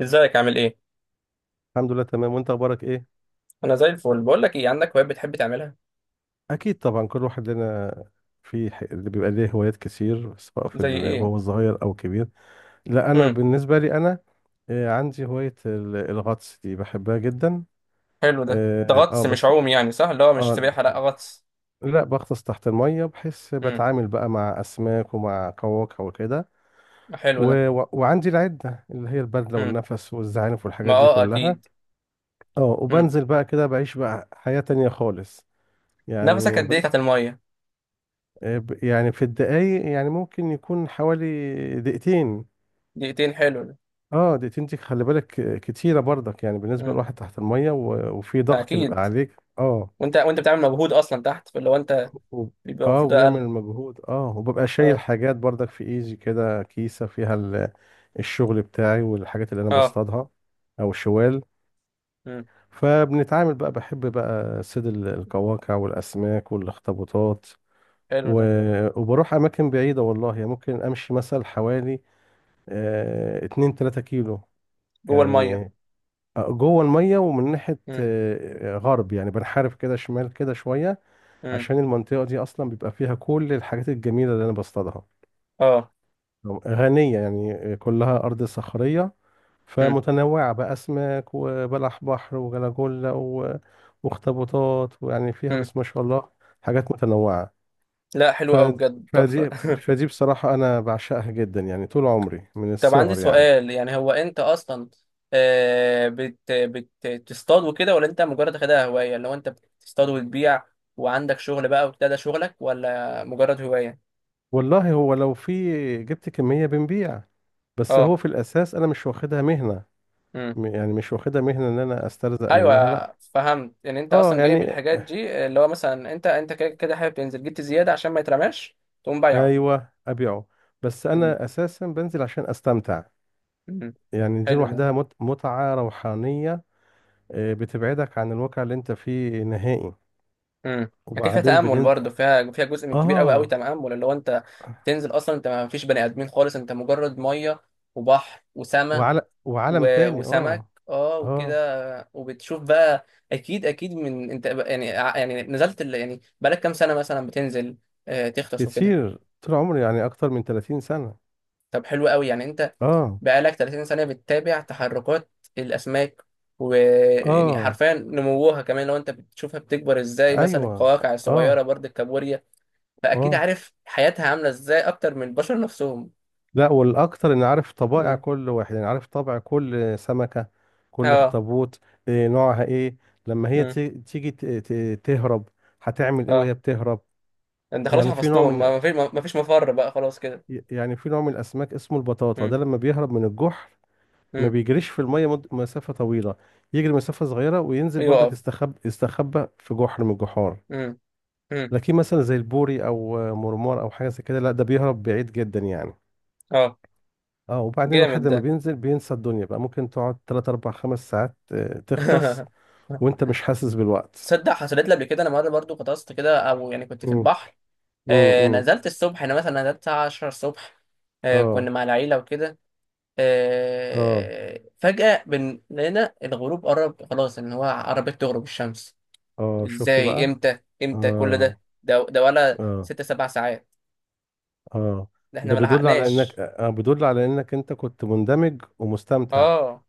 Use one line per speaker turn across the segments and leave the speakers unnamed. ازيك عامل ايه؟
الحمد لله، تمام. وانت اخبارك ايه؟
انا زي الفل. بقول لك ايه، عندك هوايات بتحب تعملها؟
اكيد طبعا، كل واحد لنا. اللي بيبقى ليه هوايات كتير، سواء
زي ايه؟
وهو صغير او كبير. لا، انا
امم
بالنسبه لي انا، عندي هوايه الغطس دي بحبها جدا.
حلو ده غطس مش
بس.
عوم يعني، صح؟ اللي هو مش
اه.
سباحه، لا غطس.
لا، بغطس تحت الميه، بحيث
امم
بتعامل بقى مع اسماك ومع قواقع وكده.
حلو ده.
وعندي العده اللي هي البدله
امم
والنفس والزعانف
ما
والحاجات دي
اه
كلها.
اكيد.
اه،
امم
وبنزل بقى كده بعيش بقى حياه تانية خالص
نفسك
يعني.
قد ايه تحت الميه؟
يعني في الدقايق، يعني ممكن يكون حوالي دقيقتين.
دقيقتين، حلو ده.
اه، دقيقتين دي خلي بالك، كتيرة برضك، يعني بالنسبة
امم
لواحد تحت المية وفي
ما
ضغط بيبقى
اكيد.
عليك اه.
وانت بتعمل مجهود اصلا تحت، فاللي هو انت
و-
بيبقى
اه،
المفروض
وبنعمل
اقل.
المجهود، اه، وببقى شايل
اه
حاجات برضك في ايزي كده، كيسة فيها الشغل بتاعي والحاجات اللي انا
اه
بصطادها، او الشوال.
امم
فبنتعامل بقى، بحب بقى صيد القواقع والاسماك والاخطبوطات
حلو
و...
ده.
وبروح اماكن بعيدة والله، يعني ممكن امشي مثلا حوالي 2 3 كيلو
جوه
يعني،
الميه.
جوه الميه، ومن ناحيه
امم
غرب، يعني بنحارب كده شمال كده شويه،
امم
عشان المنطقه دي اصلا بيبقى فيها كل الحاجات الجميله اللي انا بصطادها.
اه
غنيه يعني، كلها ارض صخريه،
امم
فمتنوعه بقى، اسماك وبلح بحر وجلاجولا واخطبوطات، ويعني فيها
امم
بس ما شاء الله حاجات متنوعه.
لا
ف...
حلو قوي بجد، تحفه.
فدي فدي بصراحه انا بعشقها جدا، يعني طول عمري من
طب عندي
الصغر يعني.
سؤال، يعني هو انت اصلا بتصطاد وكده، ولا انت مجرد واخدها هوايه؟ اللي هو انت بتصطاد وتبيع، وعندك شغل بقى وبتاع، ده شغلك ولا مجرد هوايه؟
والله، هو لو في جبت كمية بنبيع، بس هو
اه
في الأساس أنا مش واخدها مهنة.
امم
يعني مش واخدها مهنة إن أنا أسترزق منها،
ايوه
لأ.
فهمت. يعني انت
أه
اصلا جايب
يعني،
الحاجات دي، اللي هو مثلا انت كده كده حابب تنزل، جبت زياده عشان ما يترماش تقوم بايعه.
أيوه أبيعه، بس
امم
أنا أساسا بنزل عشان أستمتع.
امم
يعني دي
حلو ده.
لوحدها متعة روحانية. بتبعدك عن الواقع اللي أنت فيه نهائي.
امم اكيد فيها
وبعدين
تامل
بننزل
برضه، فيها جزء من كبير قوي قوي
أه،
تامل، اللي هو انت بتنزل اصلا، انت ما فيش بني ادمين خالص، انت مجرد ميه وبحر وسماء
وعالم تاني
وسمك
اه.
اه
اه،
وكده، وبتشوف بقى اكيد اكيد، من انت يعني يعني نزلت يعني بقالك كام سنه مثلا بتنزل، تغطس وكده؟
كتير طول عمري، يعني اكتر من 30 سنة.
طب حلو قوي. يعني انت
اه.
بقالك 30 سنه بتتابع تحركات الاسماك، ويعني
اه.
حرفيا نموها كمان لو انت بتشوفها بتكبر ازاي، مثلا
ايوه.
القواقع الصغيره
اه.
برضه الكابوريا. فاكيد
اه.
عارف حياتها عامله ازاي اكتر من البشر نفسهم.
لا، والاكتر ان عارف طبائع
مم.
كل واحد، يعني عارف طبع كل سمكة، كل
اه.
اخطبوط، إيه نوعها ايه، لما هي
مم.
تي- تيجي ت- ت- تهرب، هتعمل ايه
اه،
وهي بتهرب.
انت خلاص
يعني في نوع
حفظتهم، ما
من
ما فيش ما ما فيش مفر بقى خلاص كده.
يعني في نوع من الاسماك اسمه البطاطا، ده
مم.
لما بيهرب من الجحر ما
مم.
بيجريش في المية مسافة طويلة، يجري مسافة صغيرة وينزل برضك،
يقف.
يستخبى في جحر من الجحار.
امم امم
لكن مثلا زي البوري او مرمار او حاجة زي كده، لا، ده بيهرب بعيد جدا يعني.
اه
اه، وبعدين
جامد
الواحد لما
ده.
بينزل بينسى الدنيا بقى، ممكن تقعد 3 4 5 ساعات، تختص، وانت مش حاسس بالوقت.
تصدق حصلت لي قبل كده، انا مره برضو غطست كده، او يعني كنت في
مم.
البحر. آه
امم.
نزلت الصبح، انا مثلا نزلت الساعه 10 الصبح، آه كنا
اه
مع العيله وكده.
اه.
آه فجاه لقينا الغروب قرب خلاص، ان هو قربت تغرب الشمس.
اه، شفت
ازاي؟
بقى.
امتى امتى كل
اه.
ده ولا
اه.
ست سبع ساعات؟
اه.
ده احنا
ده
ما
بيدل على انك
لحقناش.
بيدل على انك انت كنت مندمج ومستمتع.
اه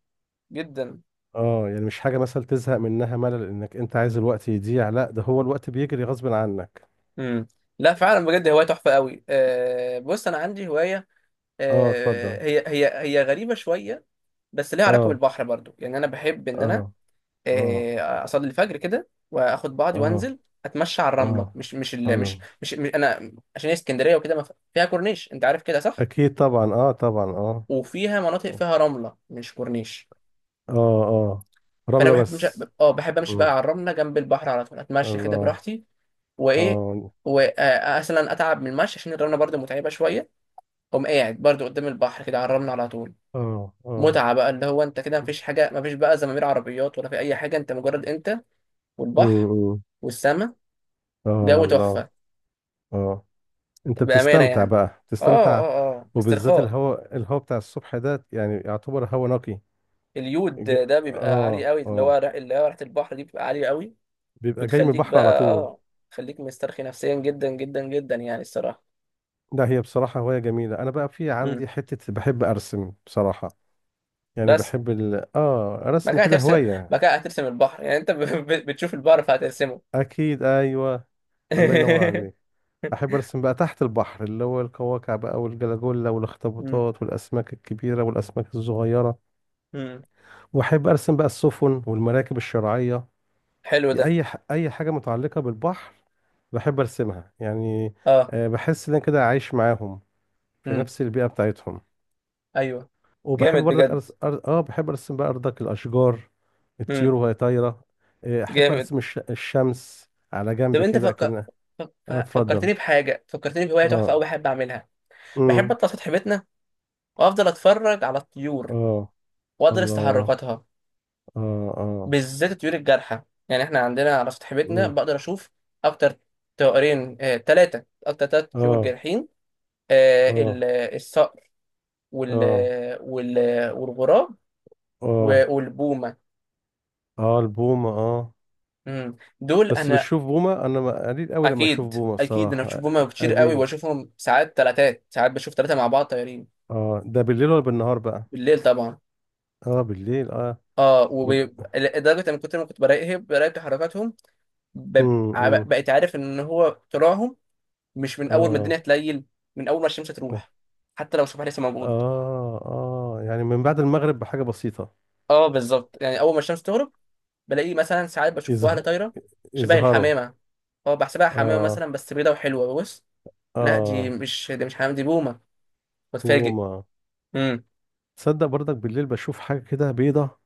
جدا.
اه، يعني مش حاجة مثلا تزهق منها ملل، انك انت عايز الوقت يضيع، لا ده هو الوقت بيجري غصب عنك.
امم لا فعلا بجد هوايه تحفه قوي. آه بص، انا عندي هوايه،
اه، اتفضل.
هي غريبة شوية، بس ليها علاقة
اه.
بالبحر برضو. يعني أنا بحب إن أنا
اه. اه.
أصلي الفجر كده وآخد بعضي
اه.
وأنزل، أتمشى على الرملة.
اه.
مش مش ال مش
الله.
مش, مش أنا عشان هي اسكندرية وكده، ما فيها كورنيش، أنت عارف كده صح؟
اكيد طبعا اه، طبعا اه.
وفيها مناطق
اه.
فيها رملة مش كورنيش.
اه.
فأنا
رملة
بحب مش
بس.
أه، بحب أمشي بقى
مم.
على الرملة جنب البحر على طول، أتمشى كده
الله.
براحتي وإيه.
اه.
ومثلا أتعب من المشي عشان الرملة برضو متعبة شوية، أقوم قاعد برضو قدام البحر كده على الرملة على طول.
اه. اه.
متعة بقى، اللي هو انت كده مفيش حاجة، مفيش بقى زمامير عربيات ولا في أي حاجة، انت مجرد انت والبحر
مم.
والسماء،
اه
جو
الله.
تحفة
اه. انت
بأمانة
بتستمتع
يعني.
بقى، بتستمتع.
اه
وبالذات
استرخاء.
الهواء، الهواء بتاع الصبح ده يعني يعتبر هواء نقي.
اليود ده بيبقى عالي
اه
قوي، اللي هو
اه،
اللي هو ريحة البحر دي بتبقى عالية قوي،
بيبقى جاي من
بتخليك
البحر على
بقى
طول.
اه، تخليك مسترخي نفسيا جدا جدا جدا، يعني الصراحة.
لا، هي بصراحة هواية جميلة. انا بقى في
امم
عندي حتة، بحب ارسم بصراحة. يعني
بس
بحب ال... اه
ما
رسم
كان
كده
هترسم
هواية.
ما كان هترسم البحر يعني انت بتشوف البحر فهترسمه.
اكيد، ايوه. الله ينور عليك. احب ارسم بقى تحت البحر، اللي هو القواقع بقى والجلاجولا
امم
والاخطبوطات والاسماك الكبيره والاسماك الصغيره.
امم
واحب ارسم بقى السفن والمراكب الشراعيه،
حلو ده.
اي حاجه متعلقه بالبحر بحب ارسمها يعني.
اه
بحس ان انا كده عايش معاهم في
امم
نفس البيئه بتاعتهم.
ايوه.
وبحب
جامد
برضك
بجد.
أرس... أر... اه بحب ارسم بقى برضك الاشجار، الطيور وهي طايره. احب
جامد.
ارسم الشمس على
طب
جنب
انت
كده كأنها. اه اتفضل.
فكرتني بحاجه، فكرتني بهوايه تحفه قوي
اه.
بحب اعملها. بحب
امم.
اطلع سطح بيتنا وافضل اتفرج على الطيور
اه
وادرس
الله.
تحركاتها،
اه اه.
بالذات الطيور الجارحه. يعني احنا عندنا على سطح بيتنا
مم.
بقدر اشوف اكتر طائرين ثلاثه، اكتر ثلاث طيور
اه
جارحين، آه،
اه.
ال- الصقر وال...
اه.
وال... والغراب
اه.
والبومه.
اه. البومة اه.
دول
بس
انا
بتشوف بومة انا قليل قوي لما اشوف
اكيد
بومة
اكيد. انا
الصراحة
بشوف بومه كتير قوي،
قليل.
واشوفهم ساعات ثلاثات ساعات، بشوف ثلاثه مع بعض طايرين.
اه، ده بالليل ولا بالنهار بقى؟
بالليل طبعا.
اه بالليل اه.
اه،
بيبقى.
ولدرجه ان كنت لما كنت براقب تحركاتهم،
امم.
بقيت عارف ان هو طلوعهم مش من اول ما الدنيا
اه.
تليل، من اول ما الشمس تروح، حتى لو الصبح لسه موجود.
اه، اه يعني من بعد المغرب بحاجة بسيطة.
اه بالظبط، يعني اول ما الشمس تغرب بلاقيه، مثلا ساعات بشوف واحده
يظه-
طايره شبه
يظهروا.
الحمامه، اه بحسبها حمامه
اه.
مثلا، بس بيضه وحلوه، بص لا دي
اه.
مش دي مش حمامه، دي بومه، بتفاجئ.
بومة.
امم
تصدق برضك بالليل بشوف حاجة كده بيضة،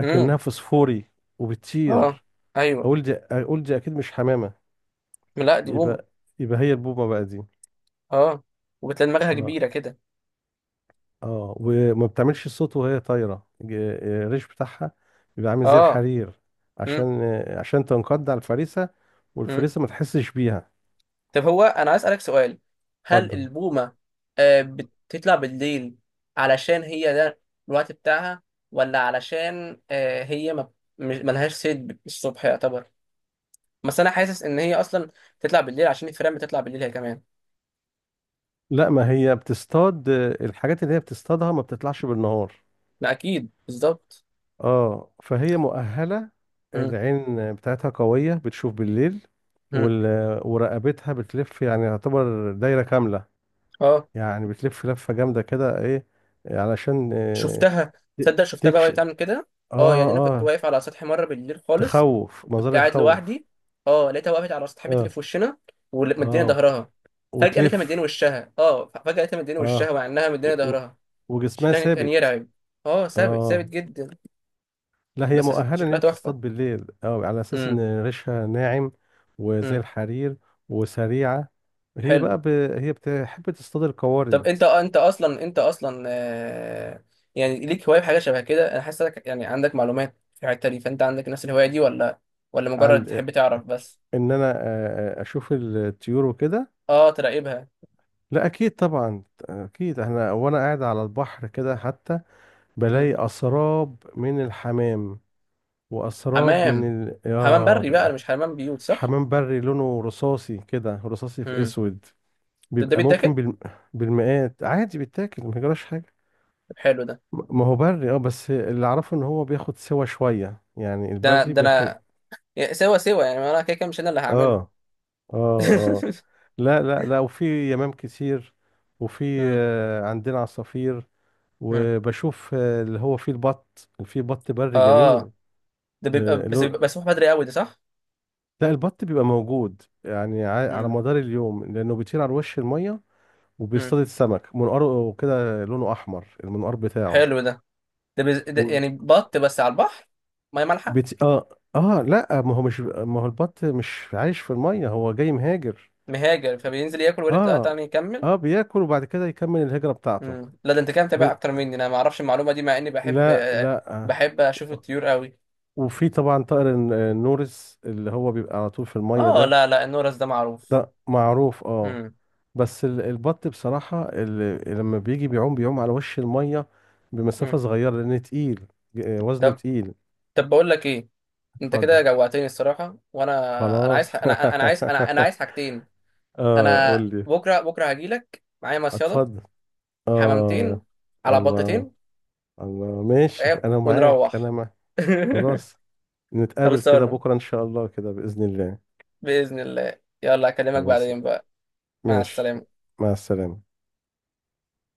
امم
اكنها فسفوري،
اه
وبتطير.
ايوه،
اقول دي، اقول دي اكيد مش حمامة.
لا دي بومه.
يبقى يبقى هي البومة بقى دي.
اه، وبتلاقي دماغها
اه.
كبيره كده.
اه، وما بتعملش صوت وهي طايرة. الريش بتاعها بيبقى عامل زي
اه
الحرير، عشان عشان تنقض على الفريسة،
امم
والفريسة ما تحسش بيها.
طب، هو انا عايز اسالك سؤال، هل
اتفضل.
البومه بتطلع بالليل علشان هي ده الوقت بتاعها، ولا علشان هي ما ملهاش صيد الصبح يعتبر؟ بس انا حاسس ان هي اصلا تطلع بالليل عشان الفيران بتطلع بالليل هي كمان.
لا، ما هي بتصطاد الحاجات اللي هي بتصطادها ما بتطلعش بالنهار.
لا اكيد بالظبط.
اه، فهي مؤهلة،
مم.
العين بتاعتها قوية بتشوف بالليل.
مم.
وال... ورقبتها بتلف يعني يعتبر دايرة كاملة،
اه
يعني بتلف لفة جامدة كده ايه، علشان
شفتها،
ت-
تصدق شفتها بقى
تكش
وهي
اه.
بتعمل كده. اه يعني انا كنت
اه،
واقف على سطح مره بالليل خالص،
تخوف،
كنت
منظرها
قاعد
يخوف.
لوحدي. اه لقيتها وقفت على سطح بيت اللي
اه.
في وشنا، ومديني
اه
ظهرها، فجاه لقيتها مديني
وتلف.
وشها، اه فجاه لقيتها مديني وشها
اه.
مع انها
و...
مديني
و...
ظهرها.
وجسمها
شكلها كان
ثابت.
يرعب. اه ثابت
اه،
جدا.
لا هي
بس
مؤهلة ان
شكلها
هي بتصطاد
تحفه.
بالليل اه، على اساس
امم
ان ريشها ناعم وزي
امم
الحرير، وسريعة. هي
حلو.
بقى ب... هي بتحب تصطاد
طب
القوارض.
انت انت اصلا آه يعني ليك هوايه بحاجه شبه كده، انا حاسس إنك يعني عندك معلومات في الحته دي، فانت عندك نفس الهوايه دي ولا ولا مجرد
عند،
تحب تعرف بس؟
ان انا اشوف الطيور وكده.
اه تراقبها.
لا اكيد طبعا. اكيد، احنا وانا قاعد على البحر كده حتى
مم.
بلاقي اسراب من الحمام، وأسراب من
حمام.
ال...
حمام
آه
بري بقى
بقى.
مش حمام بيوت، صح.
حمام بري لونه رصاصي كده، رصاصي في
مم.
أسود.
ده
بيبقى ممكن
بيتاكل؟
بالمئات، عادي، بيتاكل ما يجراش حاجة.
طب حلو ده.
ما هو بري اه، بس اللي أعرفه إن هو بياخد سوا شوية، يعني
ده انا
البري
ده
بياخد.
انا يا- سوا سوا يعني، ما انا كده كده مش انا اللي
اه
هعمله.
اه اه. لا وفي يمام كتير، وفي
مم.
عندنا عصافير.
مم.
وبشوف اللي هو فيه البط، اللي فيه بط بري
اه
جميل.
ده بيبقى، بس بيبقى مسموح بدري قوي ده، صح.
لا، البط بيبقى موجود يعني على
مم.
مدار اليوم، لأنه بيطير على وش المية
مم.
وبيصطاد السمك، منقاره كده لونه أحمر، المنقار بتاعه.
حلو ده. ده يعني بط بس على البحر، ميه مالحه.
وبت... آه آه لا، ما هو البط مش عايش في المية، هو جاي مهاجر.
مهاجر فبينزل ياكل ويرجع، لا
آه،
تاني يكمل.
آه بياكل وبعد كده يكمل الهجرة بتاعته.
لا ده انت كده متابع
بس.
اكتر مني، انا ما اعرفش المعلومه دي، مع اني بحب،
لا لا
بحب اشوف الطيور قوي.
وفي طبعا طائر النورس، اللي هو بيبقى على طول في المية
اه
ده.
لا لا، النورس ده معروف.
ده معروف اه.
مم.
بس البط بصراحة لما بيجي بيعوم، بيعوم على وش المية بمسافة
مم.
صغيرة لأن تقيل، وزنه
طب
تقيل.
طب بقول لك ايه، انت
اتفضل.
كده جوعتني الصراحه. وانا انا عايز
خلاص
ح... انا انا عايز انا انا عايز حاجتين.
اه
انا
قول لي.
بكره هاجي لك معايا مصيده،
اتفضل.
حمامتين
اه.
على
الله.
بطتين،
الله ماشي،
فاهم؟
انا معاك
ونروح.
انا معاك. خلاص. نتقابل كده
خلصانه
بكرة ان شاء الله، كده بإذن الله.
باذن الله، يلا اكلمك
خلاص.
بعدين بقى. مع
ماشي.
السلامه.
مع السلامة.